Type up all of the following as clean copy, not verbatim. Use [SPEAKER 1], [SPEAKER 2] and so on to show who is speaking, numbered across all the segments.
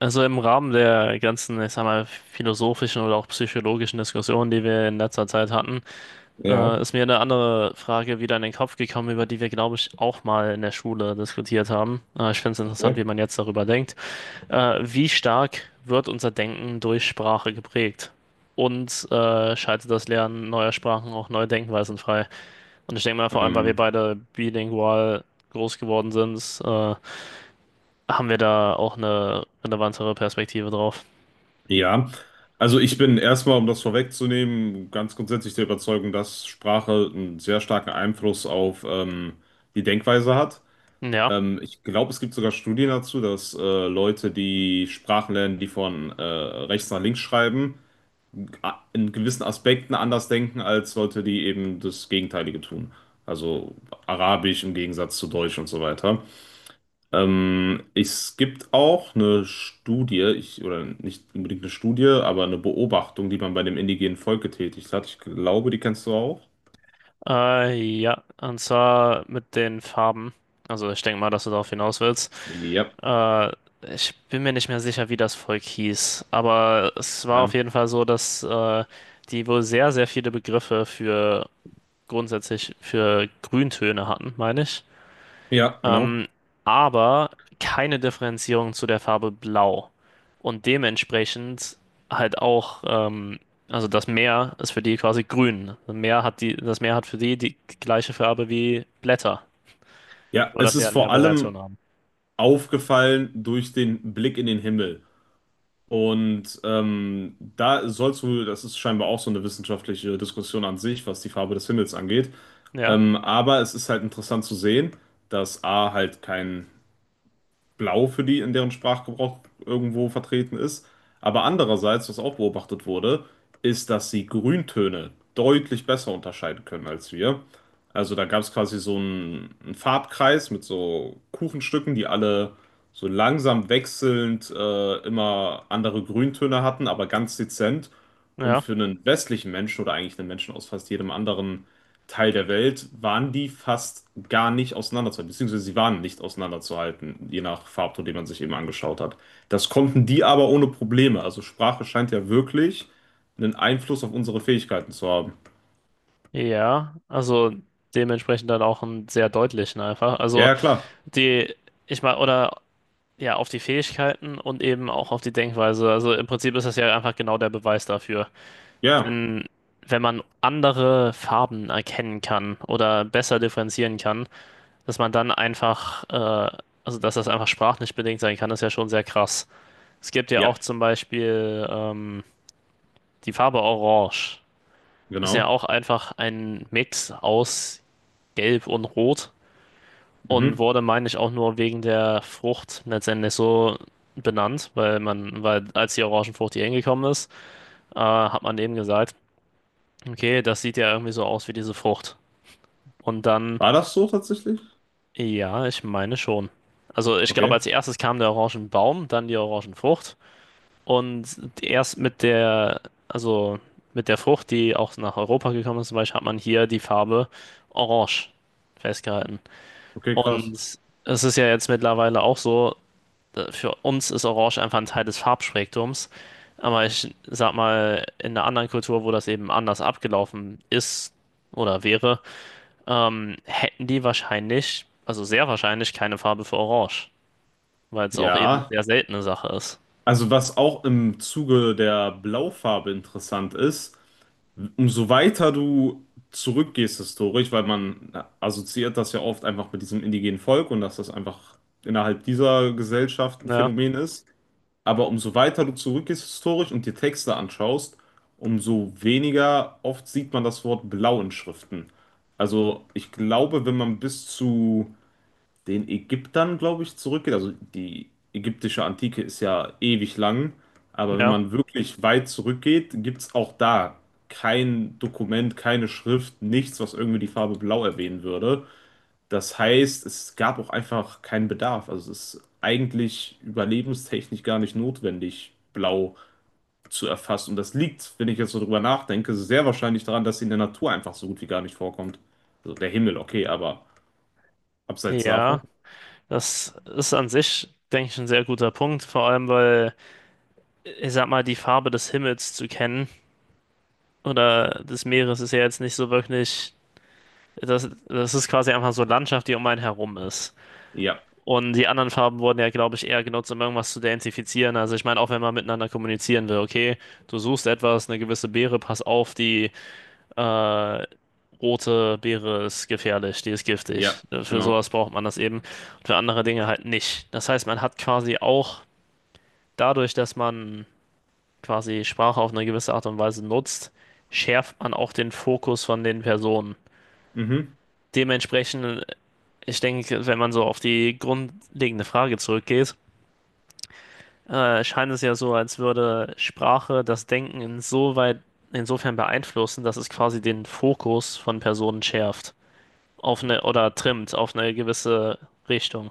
[SPEAKER 1] Also im Rahmen der ganzen, ich sag mal, philosophischen oder auch psychologischen Diskussionen, die wir in letzter Zeit hatten,
[SPEAKER 2] Ja,
[SPEAKER 1] ist mir eine andere Frage wieder in den Kopf gekommen, über die wir, glaube ich, auch mal in der Schule diskutiert haben. Ich finde es interessant, wie
[SPEAKER 2] okay.
[SPEAKER 1] man jetzt darüber denkt. Wie stark wird unser Denken durch Sprache geprägt? Und schaltet das Lernen neuer Sprachen auch neue Denkweisen frei? Und ich denke mal, vor allem, weil wir
[SPEAKER 2] Ähm,
[SPEAKER 1] beide bilingual groß geworden sind, haben wir da auch eine relevantere Perspektive drauf.
[SPEAKER 2] ja, also ich bin erstmal, um das vorwegzunehmen, ganz grundsätzlich der Überzeugung, dass Sprache einen sehr starken Einfluss auf die Denkweise hat.
[SPEAKER 1] Ja.
[SPEAKER 2] Ich glaube, es gibt sogar Studien dazu, dass Leute, die Sprachen lernen, die von rechts nach links schreiben, in gewissen Aspekten anders denken als Leute, die eben das Gegenteilige tun. Also Arabisch im Gegensatz zu Deutsch und so weiter. Es gibt auch eine Studie, ich, oder nicht unbedingt eine Studie, aber eine Beobachtung, die man bei dem indigenen Volk getätigt hat. Ich glaube, die kennst du auch.
[SPEAKER 1] Äh, ja, und zwar mit den Farben. Also ich denke mal, dass du darauf hinaus willst.
[SPEAKER 2] Ja,
[SPEAKER 1] Äh, Ich bin mir nicht mehr sicher, wie das Volk hieß, aber es war auf
[SPEAKER 2] ja,
[SPEAKER 1] jeden Fall so, dass die wohl sehr, sehr viele Begriffe für grundsätzlich für Grüntöne hatten, meine ich.
[SPEAKER 2] ja, genau.
[SPEAKER 1] Ähm, aber keine Differenzierung zu der Farbe Blau. Und dementsprechend halt auch, also das Meer ist für die quasi grün. Das Meer hat das Meer hat für die die gleiche Farbe wie Blätter,
[SPEAKER 2] Ja,
[SPEAKER 1] nur
[SPEAKER 2] es
[SPEAKER 1] dass sie
[SPEAKER 2] ist
[SPEAKER 1] halt
[SPEAKER 2] vor
[SPEAKER 1] mehr
[SPEAKER 2] allem
[SPEAKER 1] Variationen haben.
[SPEAKER 2] aufgefallen durch den Blick in den Himmel. Und da sollst du, das ist scheinbar auch so eine wissenschaftliche Diskussion an sich, was die Farbe des Himmels angeht.
[SPEAKER 1] Ja,
[SPEAKER 2] Aber es ist halt interessant zu sehen, dass A halt kein Blau für die in deren Sprachgebrauch irgendwo vertreten ist. Aber andererseits, was auch beobachtet wurde, ist, dass sie Grüntöne deutlich besser unterscheiden können als wir. Also da gab es quasi so einen Farbkreis mit so Kuchenstücken, die alle so langsam wechselnd immer andere Grüntöne hatten, aber ganz dezent. Und
[SPEAKER 1] ja,
[SPEAKER 2] für einen westlichen Menschen oder eigentlich einen Menschen aus fast jedem anderen Teil der Welt waren die fast gar nicht auseinanderzuhalten, beziehungsweise sie waren nicht auseinanderzuhalten, je nach Farbton, den man sich eben angeschaut hat. Das konnten die aber ohne Probleme. Also Sprache scheint ja wirklich einen Einfluss auf unsere Fähigkeiten zu haben.
[SPEAKER 1] ja. Also dementsprechend dann auch einen sehr deutlichen einfach.
[SPEAKER 2] Ja,
[SPEAKER 1] Also
[SPEAKER 2] ja, klar.
[SPEAKER 1] die, ich meine, oder ja, auf die Fähigkeiten und eben auch auf die Denkweise. Also im Prinzip ist das ja einfach genau der Beweis dafür.
[SPEAKER 2] Ja,
[SPEAKER 1] Wenn, wenn man andere Farben erkennen kann oder besser differenzieren kann, dass man dann einfach, also dass das einfach sprachlich bedingt sein kann, ist ja schon sehr krass. Es gibt ja
[SPEAKER 2] ja,
[SPEAKER 1] auch zum Beispiel die Farbe Orange. Ist ja
[SPEAKER 2] genau.
[SPEAKER 1] auch einfach ein Mix aus Gelb und Rot und
[SPEAKER 2] Mhm.
[SPEAKER 1] wurde, meine ich, auch nur wegen der Frucht letztendlich so benannt, weil man, weil als die Orangenfrucht hier hingekommen ist, hat man eben gesagt, okay, das sieht ja irgendwie so aus wie diese Frucht. Und dann,
[SPEAKER 2] War das so tatsächlich?
[SPEAKER 1] ja, ich meine schon. Also ich glaube,
[SPEAKER 2] Okay,
[SPEAKER 1] als erstes kam der Orangenbaum, dann die Orangenfrucht. Und erst mit der, also mit der Frucht, die auch nach Europa gekommen ist, zum Beispiel, hat man hier die Farbe Orange festgehalten.
[SPEAKER 2] okay,
[SPEAKER 1] Und
[SPEAKER 2] krass.
[SPEAKER 1] es ist ja jetzt mittlerweile auch so, für uns ist Orange einfach ein Teil des Farbspektrums. Aber ich sag mal, in einer anderen Kultur, wo das eben anders abgelaufen ist oder wäre, hätten die wahrscheinlich, also sehr wahrscheinlich keine Farbe für Orange, weil es auch eben eine
[SPEAKER 2] Ja,
[SPEAKER 1] sehr seltene Sache ist.
[SPEAKER 2] also was auch im Zuge der Blaufarbe interessant ist, umso weiter du zurückgehst historisch, weil man assoziiert das ja oft einfach mit diesem indigenen Volk und dass das einfach innerhalb dieser Gesellschaft ein
[SPEAKER 1] Ja,
[SPEAKER 2] Phänomen ist. Aber umso weiter du zurückgehst historisch und dir Texte anschaust, umso weniger oft sieht man das Wort blau in Schriften. Also ich glaube, wenn man bis zu den Ägyptern, glaube ich, zurückgeht. Also die ägyptische Antike ist ja ewig lang, aber wenn
[SPEAKER 1] ja,
[SPEAKER 2] man wirklich weit zurückgeht, gibt es auch da kein Dokument, keine Schrift, nichts, was irgendwie die Farbe Blau erwähnen würde. Das heißt, es gab auch einfach keinen Bedarf. Also es ist eigentlich überlebenstechnisch gar nicht notwendig, Blau zu erfassen. Und das liegt, wenn ich jetzt so drüber nachdenke, sehr wahrscheinlich daran, dass sie in der Natur einfach so gut wie gar nicht vorkommt. Also der Himmel, okay, aber abseits davon.
[SPEAKER 1] ja, das ist an sich, denke ich, ein sehr guter Punkt, vor allem weil, ich sag mal, die Farbe des Himmels zu kennen oder des Meeres ist ja jetzt nicht so wirklich, das ist quasi einfach so Landschaft, die um einen herum ist.
[SPEAKER 2] Ja.
[SPEAKER 1] Und die anderen Farben wurden ja, glaube ich, eher genutzt, um irgendwas zu identifizieren. Also ich meine, auch wenn man miteinander kommunizieren will, okay, du suchst etwas, eine gewisse Beere, pass auf, die äh, rote Beere ist gefährlich, die ist giftig.
[SPEAKER 2] Ja,
[SPEAKER 1] Für
[SPEAKER 2] genau.
[SPEAKER 1] sowas braucht man das eben. Und für andere Dinge halt nicht. Das heißt, man hat quasi auch dadurch, dass man quasi Sprache auf eine gewisse Art und Weise nutzt, schärft man auch den Fokus von den Personen.
[SPEAKER 2] Mhm.
[SPEAKER 1] Dementsprechend, ich denke, wenn man so auf die grundlegende Frage zurückgeht, scheint es ja so, als würde Sprache das Denken insofern beeinflussen, dass es quasi den Fokus von Personen schärft auf eine oder trimmt auf eine gewisse Richtung.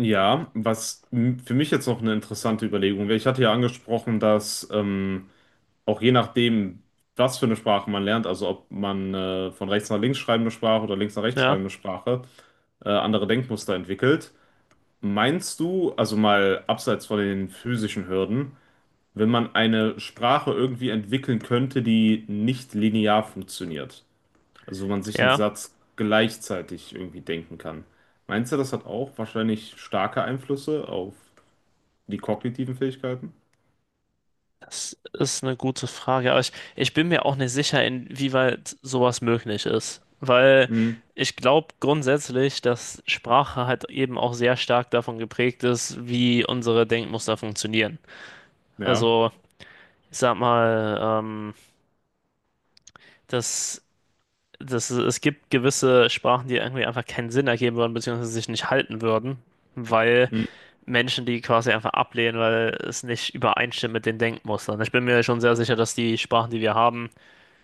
[SPEAKER 2] Ja, was für mich jetzt noch eine interessante Überlegung wäre, ich hatte ja angesprochen, dass auch je nachdem, was für eine Sprache man lernt, also ob man von rechts nach links schreibende Sprache oder links nach rechts
[SPEAKER 1] Ja,
[SPEAKER 2] schreibende Sprache, andere Denkmuster entwickelt. Meinst du, also mal abseits von den physischen Hürden, wenn man eine Sprache irgendwie entwickeln könnte, die nicht linear funktioniert? Also wo man sich einen
[SPEAKER 1] ja,
[SPEAKER 2] Satz gleichzeitig irgendwie denken kann. Meinst du, das hat auch wahrscheinlich starke Einflüsse auf die kognitiven Fähigkeiten?
[SPEAKER 1] das ist eine gute Frage, aber ich bin mir auch nicht sicher, inwieweit sowas möglich ist, weil
[SPEAKER 2] Hm,
[SPEAKER 1] ich glaube grundsätzlich, dass Sprache halt eben auch sehr stark davon geprägt ist, wie unsere Denkmuster funktionieren.
[SPEAKER 2] ja,
[SPEAKER 1] Also, ich sag mal, dass dass es gibt gewisse Sprachen, die irgendwie einfach keinen Sinn ergeben würden, beziehungsweise sich nicht halten würden, weil
[SPEAKER 2] hm,
[SPEAKER 1] Menschen, die quasi einfach ablehnen, weil es nicht übereinstimmt mit den Denkmustern. Ich bin mir schon sehr sicher, dass die Sprachen, die wir haben,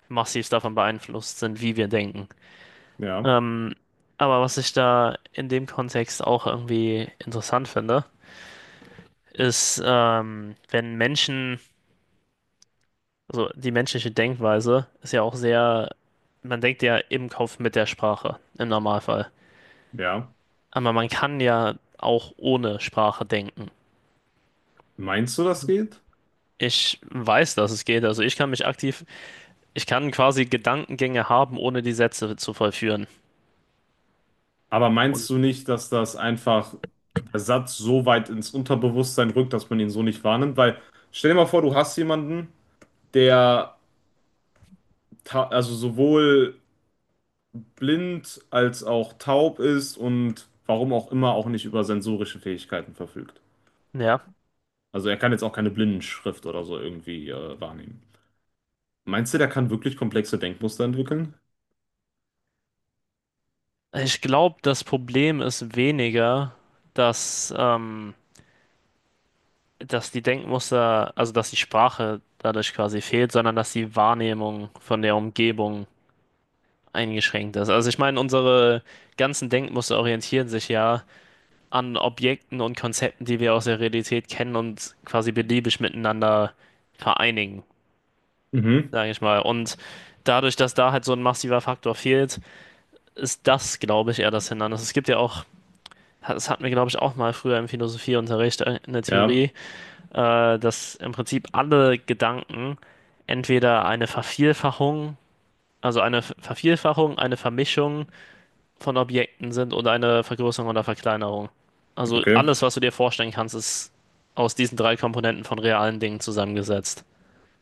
[SPEAKER 1] massiv davon beeinflusst sind, wie wir denken.
[SPEAKER 2] ja,
[SPEAKER 1] Ähm, aber was ich da in dem Kontext auch irgendwie interessant finde, ist, wenn Menschen, also die menschliche Denkweise ist ja auch sehr, man denkt ja im Kopf mit der Sprache, im Normalfall.
[SPEAKER 2] ja.
[SPEAKER 1] Aber man kann ja auch ohne Sprache denken.
[SPEAKER 2] Meinst du, das geht?
[SPEAKER 1] Ich weiß, dass es geht. Also ich kann mich aktiv ich kann quasi Gedankengänge haben, ohne die Sätze zu vollführen.
[SPEAKER 2] Aber
[SPEAKER 1] Und
[SPEAKER 2] meinst du nicht, dass das einfach der Satz so weit ins Unterbewusstsein rückt, dass man ihn so nicht wahrnimmt? Weil stell dir mal vor, du hast jemanden, der also sowohl blind als auch taub ist und warum auch immer auch nicht über sensorische Fähigkeiten verfügt.
[SPEAKER 1] ja,
[SPEAKER 2] Also er kann jetzt auch keine Blindenschrift oder so irgendwie wahrnehmen. Meinst du, der kann wirklich komplexe Denkmuster entwickeln?
[SPEAKER 1] ich glaube, das Problem ist weniger, dass, ähm, dass die Denkmuster, also dass die Sprache dadurch quasi fehlt, sondern dass die Wahrnehmung von der Umgebung eingeschränkt ist. Also ich meine, unsere ganzen Denkmuster orientieren sich ja an Objekten und Konzepten, die wir aus der Realität kennen und quasi beliebig miteinander vereinigen,
[SPEAKER 2] Mhm.
[SPEAKER 1] sage ich mal. Und dadurch, dass da halt so ein massiver Faktor fehlt, ist das, glaube ich, eher das Hindernis. Es gibt ja auch, das hatten wir, glaube ich, auch mal früher im Philosophieunterricht in der
[SPEAKER 2] Ja,
[SPEAKER 1] Theorie, dass im Prinzip alle Gedanken entweder eine Vervielfachung, also eine Vervielfachung, eine Vermischung von Objekten sind oder eine Vergrößerung oder Verkleinerung. Also
[SPEAKER 2] okay.
[SPEAKER 1] alles, was du dir vorstellen kannst, ist aus diesen drei Komponenten von realen Dingen zusammengesetzt.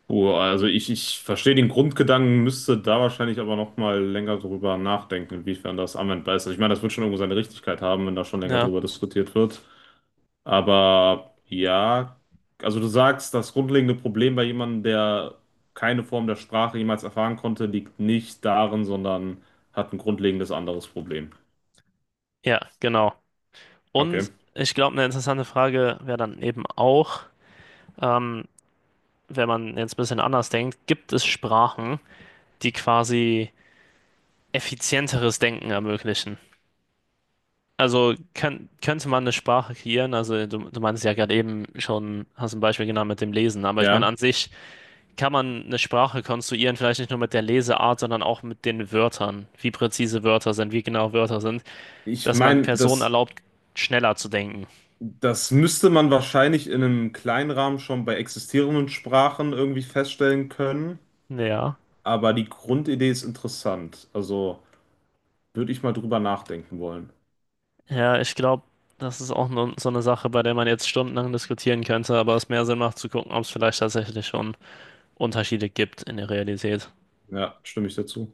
[SPEAKER 2] Puh, also ich verstehe den Grundgedanken, müsste da wahrscheinlich aber nochmal länger drüber nachdenken, inwiefern das anwendbar ist. Also ich meine, das wird schon irgendwo seine Richtigkeit haben, wenn da schon länger
[SPEAKER 1] Ja,
[SPEAKER 2] drüber diskutiert wird. Aber ja, also du sagst, das grundlegende Problem bei jemandem, der keine Form der Sprache jemals erfahren konnte, liegt nicht darin, sondern hat ein grundlegendes anderes Problem.
[SPEAKER 1] ja, genau.
[SPEAKER 2] Okay.
[SPEAKER 1] Und ich glaube, eine interessante Frage wäre dann eben auch, ähm, wenn man jetzt ein bisschen anders denkt, gibt es Sprachen, die quasi effizienteres Denken ermöglichen. Also könnte man eine Sprache kreieren, also du meinst ja gerade eben schon, hast ein Beispiel genannt mit dem Lesen, aber ich meine,
[SPEAKER 2] Ja.
[SPEAKER 1] an sich kann man eine Sprache konstruieren, vielleicht nicht nur mit der Leseart, sondern auch mit den Wörtern, wie präzise Wörter sind, wie genau Wörter sind,
[SPEAKER 2] Ich
[SPEAKER 1] dass man
[SPEAKER 2] meine,
[SPEAKER 1] Personen erlaubt, schneller zu denken.
[SPEAKER 2] das müsste man wahrscheinlich in einem kleinen Rahmen schon bei existierenden Sprachen irgendwie feststellen können,
[SPEAKER 1] Ja.
[SPEAKER 2] aber die Grundidee ist interessant. Also würde ich mal drüber nachdenken wollen.
[SPEAKER 1] Ja, ich glaube, das ist auch nur so eine Sache, bei der man jetzt stundenlang diskutieren könnte, aber es mehr Sinn macht zu gucken, ob es vielleicht tatsächlich schon Unterschiede gibt in der Realität.
[SPEAKER 2] Ja, stimme ich dazu.